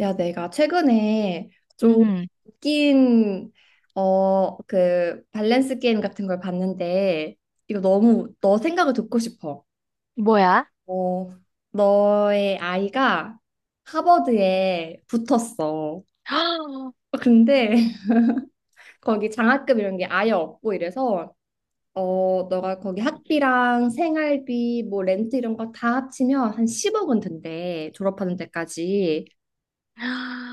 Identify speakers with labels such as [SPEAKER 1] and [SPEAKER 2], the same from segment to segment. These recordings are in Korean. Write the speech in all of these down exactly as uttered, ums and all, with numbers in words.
[SPEAKER 1] 야, 내가 최근에 좀
[SPEAKER 2] 음,
[SPEAKER 1] 웃긴 어, 그 밸런스 게임 같은 걸 봤는데 이거 너무 너 생각을 듣고 싶어.
[SPEAKER 2] 뭐야?
[SPEAKER 1] 어, 너의 아이가 하버드에 붙었어. 근데 거기 장학금 이런 게 아예 없고 이래서 어, 너가 거기 학비랑 생활비 뭐 렌트 이런 거 다 합치면 한 십 억은 든대. 졸업하는 데까지.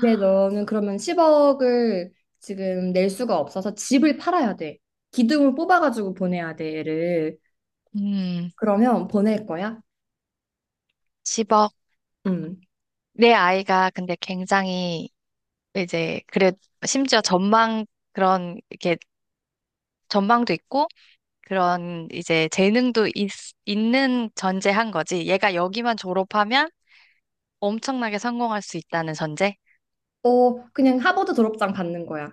[SPEAKER 1] 근데 너는 그러면 십 억을 지금 낼 수가 없어서 집을 팔아야 돼. 기둥을 뽑아가지고 보내야 돼, 얘를.
[SPEAKER 2] 음,
[SPEAKER 1] 그러면 보낼 거야?
[SPEAKER 2] 십억.
[SPEAKER 1] 음.
[SPEAKER 2] 내 아이가 근데 굉장히 이제 그래 심지어 전망 그런 이렇게 전망도 있고 그런 이제 재능도 있, 있는 전제한 거지. 얘가 여기만 졸업하면 엄청나게 성공할 수 있다는 전제?
[SPEAKER 1] 어, 그냥 하버드 졸업장 받는 거야.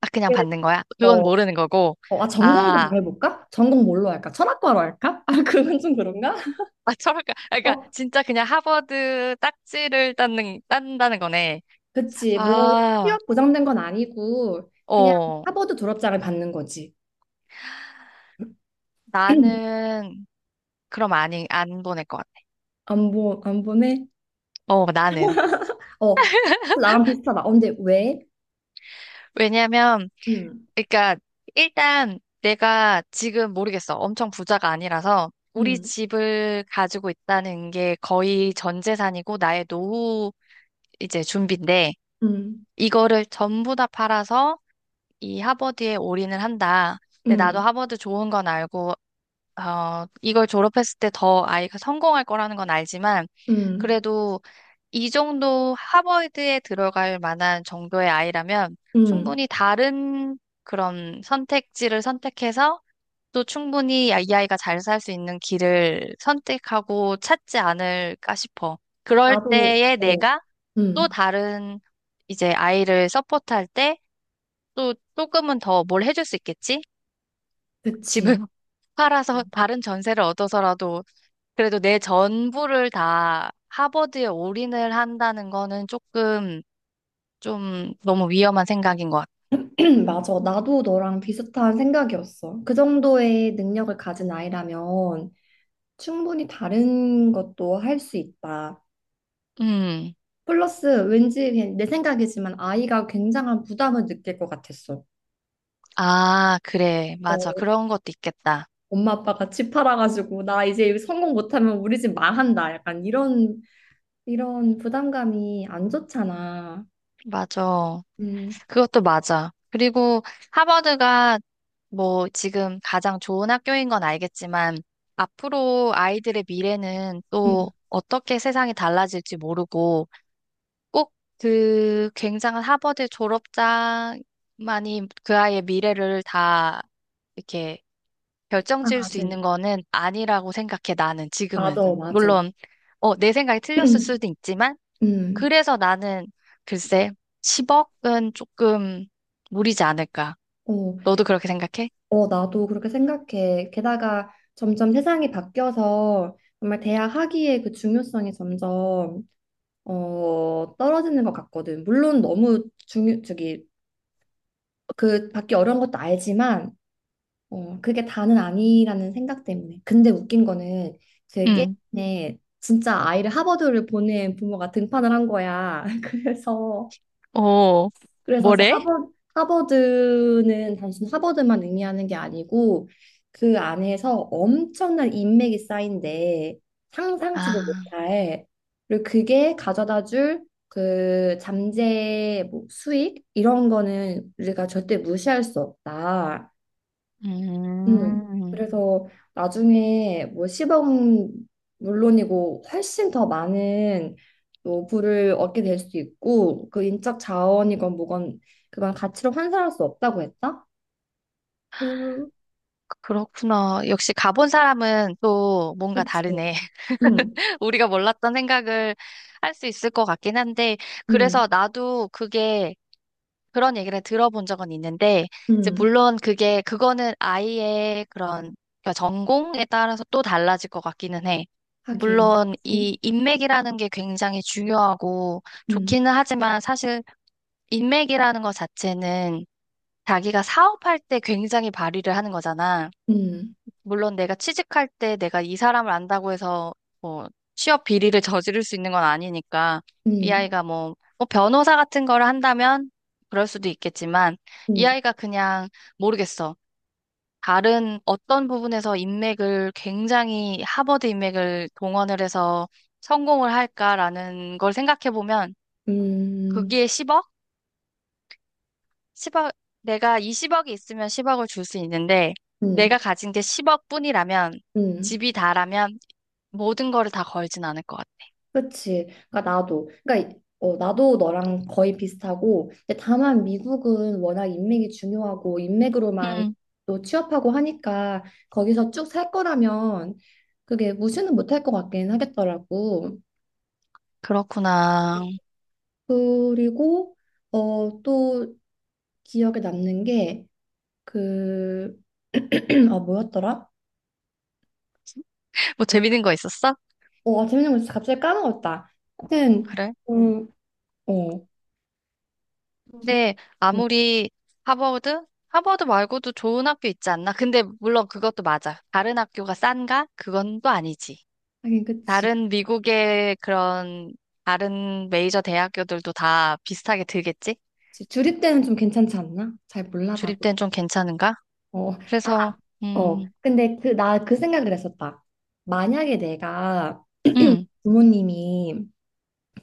[SPEAKER 2] 아, 그냥
[SPEAKER 1] 네.
[SPEAKER 2] 받는 거야?
[SPEAKER 1] 어,
[SPEAKER 2] 그건 모르는 거고.
[SPEAKER 1] 어, 아, 전공도
[SPEAKER 2] 아,
[SPEAKER 1] 더 해볼까? 전공 뭘로 할까? 철학과로 할까? 아, 그건 좀 그런가?
[SPEAKER 2] 아, 철학과. 아, 그러니까
[SPEAKER 1] 어,
[SPEAKER 2] 진짜 그냥 하버드 딱지를 땄는, 딴다는 거네.
[SPEAKER 1] 그치. 뭐,
[SPEAKER 2] 아,
[SPEAKER 1] 취업 보장된 건 아니고, 그냥
[SPEAKER 2] 어.
[SPEAKER 1] 하버드 졸업장을 받는 거지.
[SPEAKER 2] 나는 그럼 아니 안 보낼 것 같아.
[SPEAKER 1] 안 보, 안 보내?
[SPEAKER 2] 어, 나는.
[SPEAKER 1] 어, 나랑 비슷하다. 어, 근데 왜?
[SPEAKER 2] 왜냐면
[SPEAKER 1] 음,
[SPEAKER 2] 그러니까 일단 내가 지금 모르겠어. 엄청 부자가 아니라서 우리
[SPEAKER 1] 음,
[SPEAKER 2] 집을 가지고 있다는 게 거의 전 재산이고 나의 노후 이제 준비인데,
[SPEAKER 1] 음.
[SPEAKER 2] 이거를 전부 다 팔아서 이 하버드에 올인을 한다. 근데 나도
[SPEAKER 1] 음,
[SPEAKER 2] 하버드 좋은 건 알고 어, 이걸 졸업했을 때 더 아이가 성공할 거라는 건 알지만
[SPEAKER 1] 음,
[SPEAKER 2] 그래도 이 정도 하버드에 들어갈 만한 정도의 아이라면
[SPEAKER 1] 음.
[SPEAKER 2] 충분히 다른 그런 선택지를 선택해서 또 충분히 이 아이가 잘 살 수 있는 길을 선택하고 찾지 않을까 싶어. 그럴
[SPEAKER 1] 나도,
[SPEAKER 2] 때에
[SPEAKER 1] 어,
[SPEAKER 2] 내가 또
[SPEAKER 1] 음,
[SPEAKER 2] 다른 이제 아이를 서포트할 때 또 조금은 더 뭘 해줄 수 있겠지? 집을
[SPEAKER 1] 그치.
[SPEAKER 2] 팔아서 다른 전세를 얻어서라도 그래도 내 전부를 다 하버드에 올인을 한다는 거는 조금 좀 너무 위험한 생각인 것 같아.
[SPEAKER 1] 맞아. 나도 너랑 비슷한 생각이었어. 그 정도의 능력을 가진 아이라면 충분히 다른 것도 할 수 있다.
[SPEAKER 2] 음.
[SPEAKER 1] 플러스 왠지 그냥 내 생각이지만 아이가 굉장한 부담을 느낄 것 같았어.
[SPEAKER 2] 아, 그래. 맞아.
[SPEAKER 1] 어,
[SPEAKER 2] 그런 것도 있겠다.
[SPEAKER 1] 엄마 아빠가 집 팔아가지고 나 이제 성공 못하면 우리 집 망한다. 약간 이런 이런 부담감이 안 좋잖아.
[SPEAKER 2] 맞아.
[SPEAKER 1] 음,
[SPEAKER 2] 그것도 맞아. 그리고 하버드가 뭐 지금 가장 좋은 학교인 건 알겠지만 앞으로 아이들의 미래는
[SPEAKER 1] 음,
[SPEAKER 2] 또 어떻게 세상이 달라질지 모르고 꼭 그 굉장한 하버드 졸업자만이 그 아이의 미래를 다 이렇게 결정
[SPEAKER 1] 아,
[SPEAKER 2] 지을 수
[SPEAKER 1] 맞아,
[SPEAKER 2] 있는 거는 아니라고 생각해, 나는 지금은.
[SPEAKER 1] 맞아. 맞아.
[SPEAKER 2] 물론, 어, 내 생각이 틀렸을 수도 있지만,
[SPEAKER 1] 음,
[SPEAKER 2] 그래서 나는 글쎄, 십억은 조금 무리지 않을까.
[SPEAKER 1] 어,
[SPEAKER 2] 너도 그렇게 생각해?
[SPEAKER 1] 어, 나도 그렇게 생각해. 게다가 점점 세상이 바뀌어서 정말 대학 학위의 그 중요성이 점점 어, 떨어지는 것 같거든. 물론 너무 중요, 저기 그 받기 어려운 것도 알지만 어, 그게 다는 아니라는 생각 때문에. 근데 웃긴 거는 제
[SPEAKER 2] 응.
[SPEAKER 1] 게임에 진짜 아이를 하버드를 보낸 부모가 등판을 한 거야. 그래서
[SPEAKER 2] 어,
[SPEAKER 1] 그래서 이제
[SPEAKER 2] 뭐래?
[SPEAKER 1] 하버드, 하버드는 단순 하버드만 의미하는 게 아니고 그 안에서 엄청난 인맥이 쌓인데 상상치도
[SPEAKER 2] 아,
[SPEAKER 1] 못할 그리고 그게 가져다 줄그 잠재 뭐 수익 이런 거는 우리가 절대 무시할 수 없다. 음,
[SPEAKER 2] 음,
[SPEAKER 1] 그래서 나중에 뭐 십 억은 물론이고 훨씬 더 많은 또 부를 얻게 될 수 있고 그 인적 자원이건 뭐건 그건 가치로 환산할 수 없다고 했다? 그,
[SPEAKER 2] 그렇구나. 역시 가본 사람은 또 뭔가
[SPEAKER 1] 그치.
[SPEAKER 2] 다르네.
[SPEAKER 1] 음,
[SPEAKER 2] 우리가 몰랐던 생각을 할 수 있을 것 같긴 한데,
[SPEAKER 1] 음,
[SPEAKER 2] 그래서 나도 그게 그런 얘기를 들어본 적은 있는데, 이제
[SPEAKER 1] 음,
[SPEAKER 2] 물론 그게, 그거는 아이의 그런 그러니까 전공에 따라서 또 달라질 것 같기는 해.
[SPEAKER 1] 하긴.
[SPEAKER 2] 물론
[SPEAKER 1] 음,
[SPEAKER 2] 이 인맥이라는 게 굉장히 중요하고
[SPEAKER 1] 음,
[SPEAKER 2] 좋기는 하지만 사실 인맥이라는 것 자체는 자기가 사업할 때 굉장히 발휘를 하는 거잖아. 물론 내가 취직할 때 내가 이 사람을 안다고 해서 뭐 취업 비리를 저지를 수 있는 건 아니니까 이
[SPEAKER 1] 음,
[SPEAKER 2] 아이가 뭐, 뭐 변호사 같은 거를 한다면 그럴 수도 있겠지만 이
[SPEAKER 1] 음,
[SPEAKER 2] 아이가 그냥 모르겠어. 다른 어떤 부분에서 인맥을 굉장히 하버드 인맥을 동원을 해서 성공을 할까라는 걸 생각해 보면
[SPEAKER 1] 음, 음,
[SPEAKER 2] 거기에 십억? 십억. 내가 이 십억이 있으면 십억을 줄 수 있는데
[SPEAKER 1] 음,
[SPEAKER 2] 내가 가진 게 십억뿐이라면
[SPEAKER 1] 음.
[SPEAKER 2] 집이 다라면 모든 거를 다 걸진 않을 것 같아.
[SPEAKER 1] 그치. 그러니까 나도. 그러니까 어, 나도 너랑 거의 비슷하고. 근데 다만 미국은 워낙 인맥이 중요하고 인맥으로만
[SPEAKER 2] 음,
[SPEAKER 1] 또 취업하고 하니까 거기서 쭉 살 거라면 그게 무시는 못할 것 같긴 하겠더라고.
[SPEAKER 2] 그렇구나.
[SPEAKER 1] 그리고 어, 또 기억에 남는 게 그, 아, 뭐였더라?
[SPEAKER 2] 뭐
[SPEAKER 1] 어,
[SPEAKER 2] 재밌는 거 있었어?
[SPEAKER 1] 어, 아, 재밌는 거 있어. 갑자기 까먹었다. 하여튼,
[SPEAKER 2] 그래?
[SPEAKER 1] 음, 어, 주-
[SPEAKER 2] 근데
[SPEAKER 1] 음,
[SPEAKER 2] 아무리 하버드? 하버드 말고도 좋은 학교 있지 않나? 근데 물론 그것도 맞아. 다른 학교가 싼가? 그건 또 아니지.
[SPEAKER 1] 하긴 그치.
[SPEAKER 2] 다른 미국의 그런 다른 메이저 대학교들도 다 비슷하게 들겠지?
[SPEAKER 1] 그치. 주립대는 좀 괜찮지 않나? 잘 몰라,
[SPEAKER 2] 주립대는 좀 괜찮은가?
[SPEAKER 1] 어, 아,
[SPEAKER 2] 그래서
[SPEAKER 1] 어.
[SPEAKER 2] 음,
[SPEAKER 1] 근데 그, 나 그 생각을 했었다. 만약에 내가
[SPEAKER 2] 음,
[SPEAKER 1] 부모님이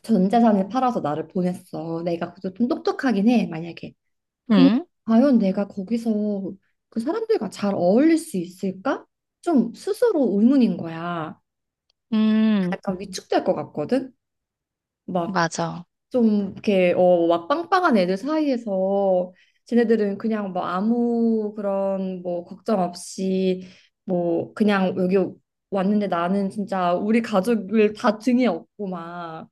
[SPEAKER 1] 전 재산을 팔아서 나를 보냈어. 내가 그래도 좀 똑똑하긴 해, 만약에. 근데
[SPEAKER 2] 음,
[SPEAKER 1] 과연 내가 거기서 그 사람들과 잘 어울릴 수 있을까? 좀 스스로 의문인 거야.
[SPEAKER 2] 음,
[SPEAKER 1] 약간 위축될 것 같거든? 막
[SPEAKER 2] 맞아.
[SPEAKER 1] 좀 이렇게 어 막 빵빵한 애들 사이에서 쟤네들은 그냥 뭐 아무 그런 뭐 걱정 없이 뭐 그냥 여기 왔는데 나는 진짜 우리 가족을 다 등에 업고 막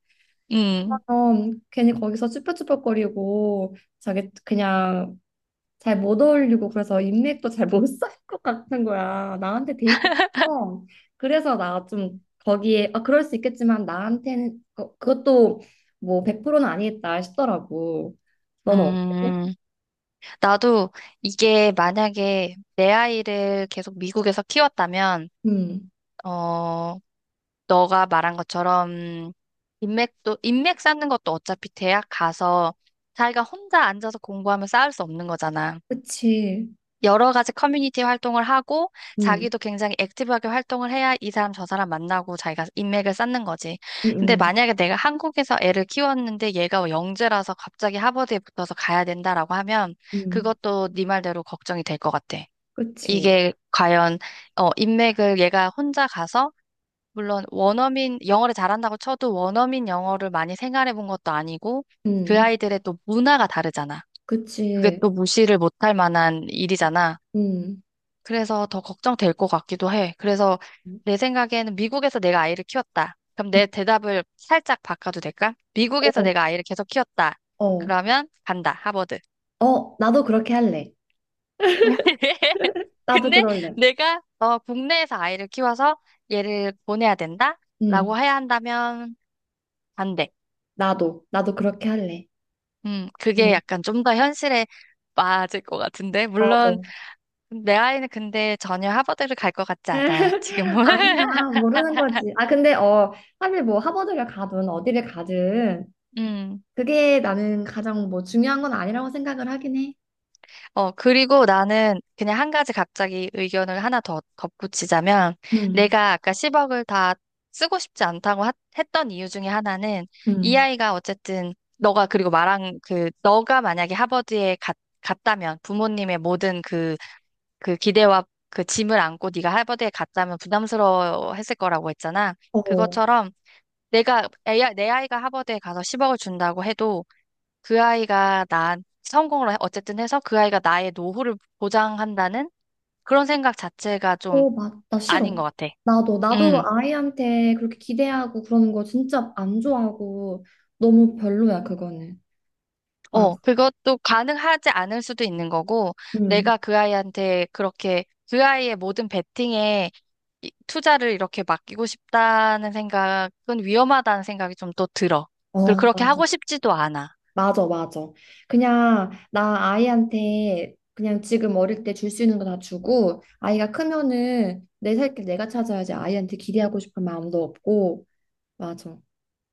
[SPEAKER 2] 음,
[SPEAKER 1] 어, 괜히 거기서 쭈뼛쭈뼛거리고 자기 그냥 잘 못 어울리고 그래서 인맥도 잘 못 쌓일 것 같은 거야. 나한테 데이트. 어. 그래서 나 좀 거기에 아 그럴 수 있겠지만 나한테는 그- 그것도 뭐 백 퍼센트는 아니겠다 싶더라고. 너는 어때?
[SPEAKER 2] 음. 나도 이게 만약에 내 아이를 계속 미국에서 키웠다면,
[SPEAKER 1] 음.
[SPEAKER 2] 어, 너가 말한 것처럼 인맥도, 인맥 쌓는 것도 어차피 대학 가서 자기가 혼자 앉아서 공부하면 쌓을 수 없는 거잖아.
[SPEAKER 1] 그치.
[SPEAKER 2] 여러 가지 커뮤니티 활동을 하고
[SPEAKER 1] 음.
[SPEAKER 2] 자기도 굉장히 액티브하게 활동을 해야 이 사람 저 사람 만나고 자기가 인맥을 쌓는 거지. 근데
[SPEAKER 1] 음. 음.
[SPEAKER 2] 만약에 내가 한국에서 애를 키웠는데 얘가 영재라서 갑자기 하버드에 붙어서 가야 된다라고 하면
[SPEAKER 1] 음.
[SPEAKER 2] 그것도 네 말대로 걱정이 될 것 같아.
[SPEAKER 1] 그치.
[SPEAKER 2] 이게 과연 어 인맥을 얘가 혼자 가서 물론 원어민 영어를 잘한다고 쳐도 원어민 영어를 많이 생활해 본 것도 아니고 그
[SPEAKER 1] 음.
[SPEAKER 2] 아이들의 또 문화가 다르잖아. 그게
[SPEAKER 1] 그치.
[SPEAKER 2] 또 무시를 못할 만한 일이잖아.
[SPEAKER 1] 음.
[SPEAKER 2] 그래서 더 걱정될 것 같기도 해. 그래서
[SPEAKER 1] 음.
[SPEAKER 2] 내 생각에는 미국에서 내가 아이를 키웠다. 그럼 내 대답을 살짝 바꿔도 될까? 미국에서
[SPEAKER 1] 어.
[SPEAKER 2] 내가 아이를 계속 키웠다.
[SPEAKER 1] 어.
[SPEAKER 2] 그러면 간다, 하버드.
[SPEAKER 1] 어, 나도 그렇게 할래. 나도
[SPEAKER 2] 근데
[SPEAKER 1] 그럴래.
[SPEAKER 2] 내가 어, 국내에서 아이를 키워서 얘를 보내야 된다?
[SPEAKER 1] 음.
[SPEAKER 2] 라고 해야 한다면 반대.
[SPEAKER 1] 나도. 나도 그렇게 할래.
[SPEAKER 2] 음,
[SPEAKER 1] 음.
[SPEAKER 2] 그게 약간 좀 더 현실에 맞을 것 같은데. 물론
[SPEAKER 1] 맞아.
[SPEAKER 2] 내 아이는 근데 전혀 하버드를 갈 것 같지 않아, 지금은.
[SPEAKER 1] 아니야, 모르는 거지. 아, 근데, 어, 사실 뭐 하버드를 가든 어디를 가든
[SPEAKER 2] 음.
[SPEAKER 1] 그게 나는 가장 뭐 중요한 건 아니라고 생각을 하긴 해.
[SPEAKER 2] 어, 그리고 나는 그냥 한 가지 갑자기 의견을 하나 더 덧붙이자면,
[SPEAKER 1] 음,
[SPEAKER 2] 내가 아까 십억을 다 쓰고 싶지 않다고 하- 했던 이유 중에 하나는, 이
[SPEAKER 1] 음,
[SPEAKER 2] 아이가 어쨌든, 너가 그리고 말한 그, 너가 만약에 하버드에 갔, 갔다면, 부모님의 모든 그, 그 기대와 그 짐을 안고 네가 하버드에 갔다면 부담스러워 했을 거라고 했잖아.
[SPEAKER 1] 어,
[SPEAKER 2] 그것처럼, 내가 애, 내 아이가 하버드에 가서 십억을 준다고 해도 그 아이가 나 성공을 어쨌든 해서 그 아이가 나의 노후를 보장한다는 그런 생각 자체가 좀
[SPEAKER 1] 어, 맞, 나 싫어.
[SPEAKER 2] 아닌 것 같아.
[SPEAKER 1] 나도, 나도
[SPEAKER 2] 음,
[SPEAKER 1] 아이한테 그렇게 기대하고 그러는 거 진짜 안 좋아하고 너무 별로야, 그거는.
[SPEAKER 2] 어,
[SPEAKER 1] 맞아.
[SPEAKER 2] 그것도 가능하지 않을 수도 있는 거고,
[SPEAKER 1] 음.
[SPEAKER 2] 내가 그 아이한테 그렇게 그 아이의 모든 베팅에 이- 투자를 이렇게 맡기고 싶다는 생각은 위험하다는 생각이 좀 또 들어. 그리고
[SPEAKER 1] 어,
[SPEAKER 2] 그렇게
[SPEAKER 1] 맞아.
[SPEAKER 2] 하고 싶지도 않아.
[SPEAKER 1] 맞아, 맞아. 그냥 나 아이한테 그냥 지금 어릴 때 줄 수 있는 거 다 주고 아이가 크면은 내 살길 내가 찾아야지 아이한테 기대하고 싶은 마음도 없고 맞아.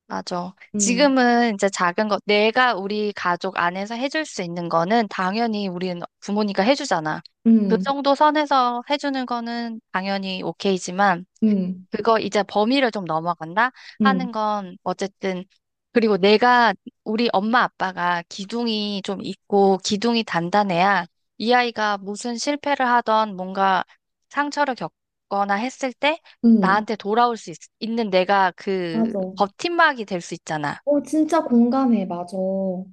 [SPEAKER 2] 맞아.
[SPEAKER 1] 음,
[SPEAKER 2] 지금은 이제 작은 것, 내가 우리 가족 안에서 해줄 수 있는 거는 당연히 우리는 부모니까 해주잖아. 그
[SPEAKER 1] 음,
[SPEAKER 2] 정도 선에서 해주는 거는 당연히 오케이지만,
[SPEAKER 1] 음,
[SPEAKER 2] 그거 이제 범위를 좀 넘어간다
[SPEAKER 1] 음,
[SPEAKER 2] 하는 건 어쨌든 그리고 내가 우리 엄마 아빠가 기둥이 좀 있고 기둥이 단단해야 이 아이가 무슨 실패를 하던 뭔가 상처를 겪거나 했을 때
[SPEAKER 1] 음,
[SPEAKER 2] 나한테 돌아올 수 있, 는 내가 그
[SPEAKER 1] 맞아.
[SPEAKER 2] 버팀막이 될 수 있잖아.
[SPEAKER 1] 어, 진짜 공감해. 맞아,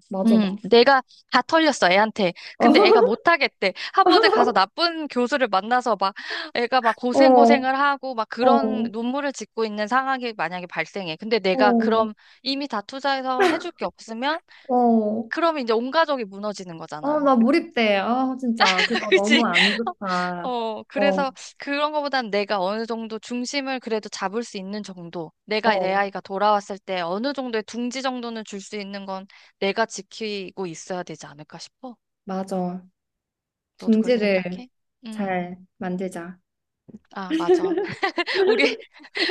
[SPEAKER 1] 맞아, 맞아.
[SPEAKER 2] 음, 내가 다 털렸어, 애한테. 근데 애가 못하겠대. 하버드 가서 나쁜 교수를 만나서 막, 애가 막
[SPEAKER 1] 어,
[SPEAKER 2] 고생고생을 하고, 막
[SPEAKER 1] 어,
[SPEAKER 2] 그런
[SPEAKER 1] 어,
[SPEAKER 2] 눈물을 짓고 있는 상황이 만약에 발생해. 근데 내가 그럼 이미 다 투자해서 해줄 게 없으면,
[SPEAKER 1] 어,
[SPEAKER 2] 그럼 이제 온 가족이 무너지는
[SPEAKER 1] 어,
[SPEAKER 2] 거잖아.
[SPEAKER 1] 나 몰입돼. 아, 진짜 그거
[SPEAKER 2] 그치?
[SPEAKER 1] 너무 안 좋다.
[SPEAKER 2] 어,
[SPEAKER 1] 어,
[SPEAKER 2] 그래서 그런 거보단 내가 어느 정도 중심을 그래도 잡을 수 있는 정도. 내가 내
[SPEAKER 1] 어,
[SPEAKER 2] 아이가 돌아왔을 때 어느 정도의 둥지 정도는 줄 수 있는 건 내가 지키고 있어야 되지 않을까 싶어.
[SPEAKER 1] 맞아.
[SPEAKER 2] 너도 그렇게
[SPEAKER 1] 중지를.
[SPEAKER 2] 생각해? 음,
[SPEAKER 1] 잘 만들자.
[SPEAKER 2] 아, 맞아. 우리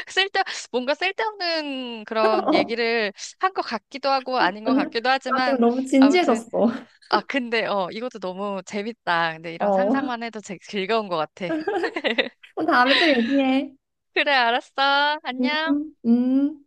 [SPEAKER 2] 쓸데, 뭔가 쓸데없는 그런
[SPEAKER 1] 어,
[SPEAKER 2] 얘기를 한 것 같기도 하고 아닌 것
[SPEAKER 1] 아니야.
[SPEAKER 2] 같기도
[SPEAKER 1] 나 지금
[SPEAKER 2] 하지만
[SPEAKER 1] 너무
[SPEAKER 2] 아무튼,
[SPEAKER 1] 진지해졌어.
[SPEAKER 2] 아, 근데, 어, 이것도 너무 재밌다. 근데 이런
[SPEAKER 1] 어.
[SPEAKER 2] 상상만 해도 제- 즐거운 것 같아.
[SPEAKER 1] 그럼 다음에 또 얘기해.
[SPEAKER 2] 그래, 알았어. 안녕.
[SPEAKER 1] 음, 음.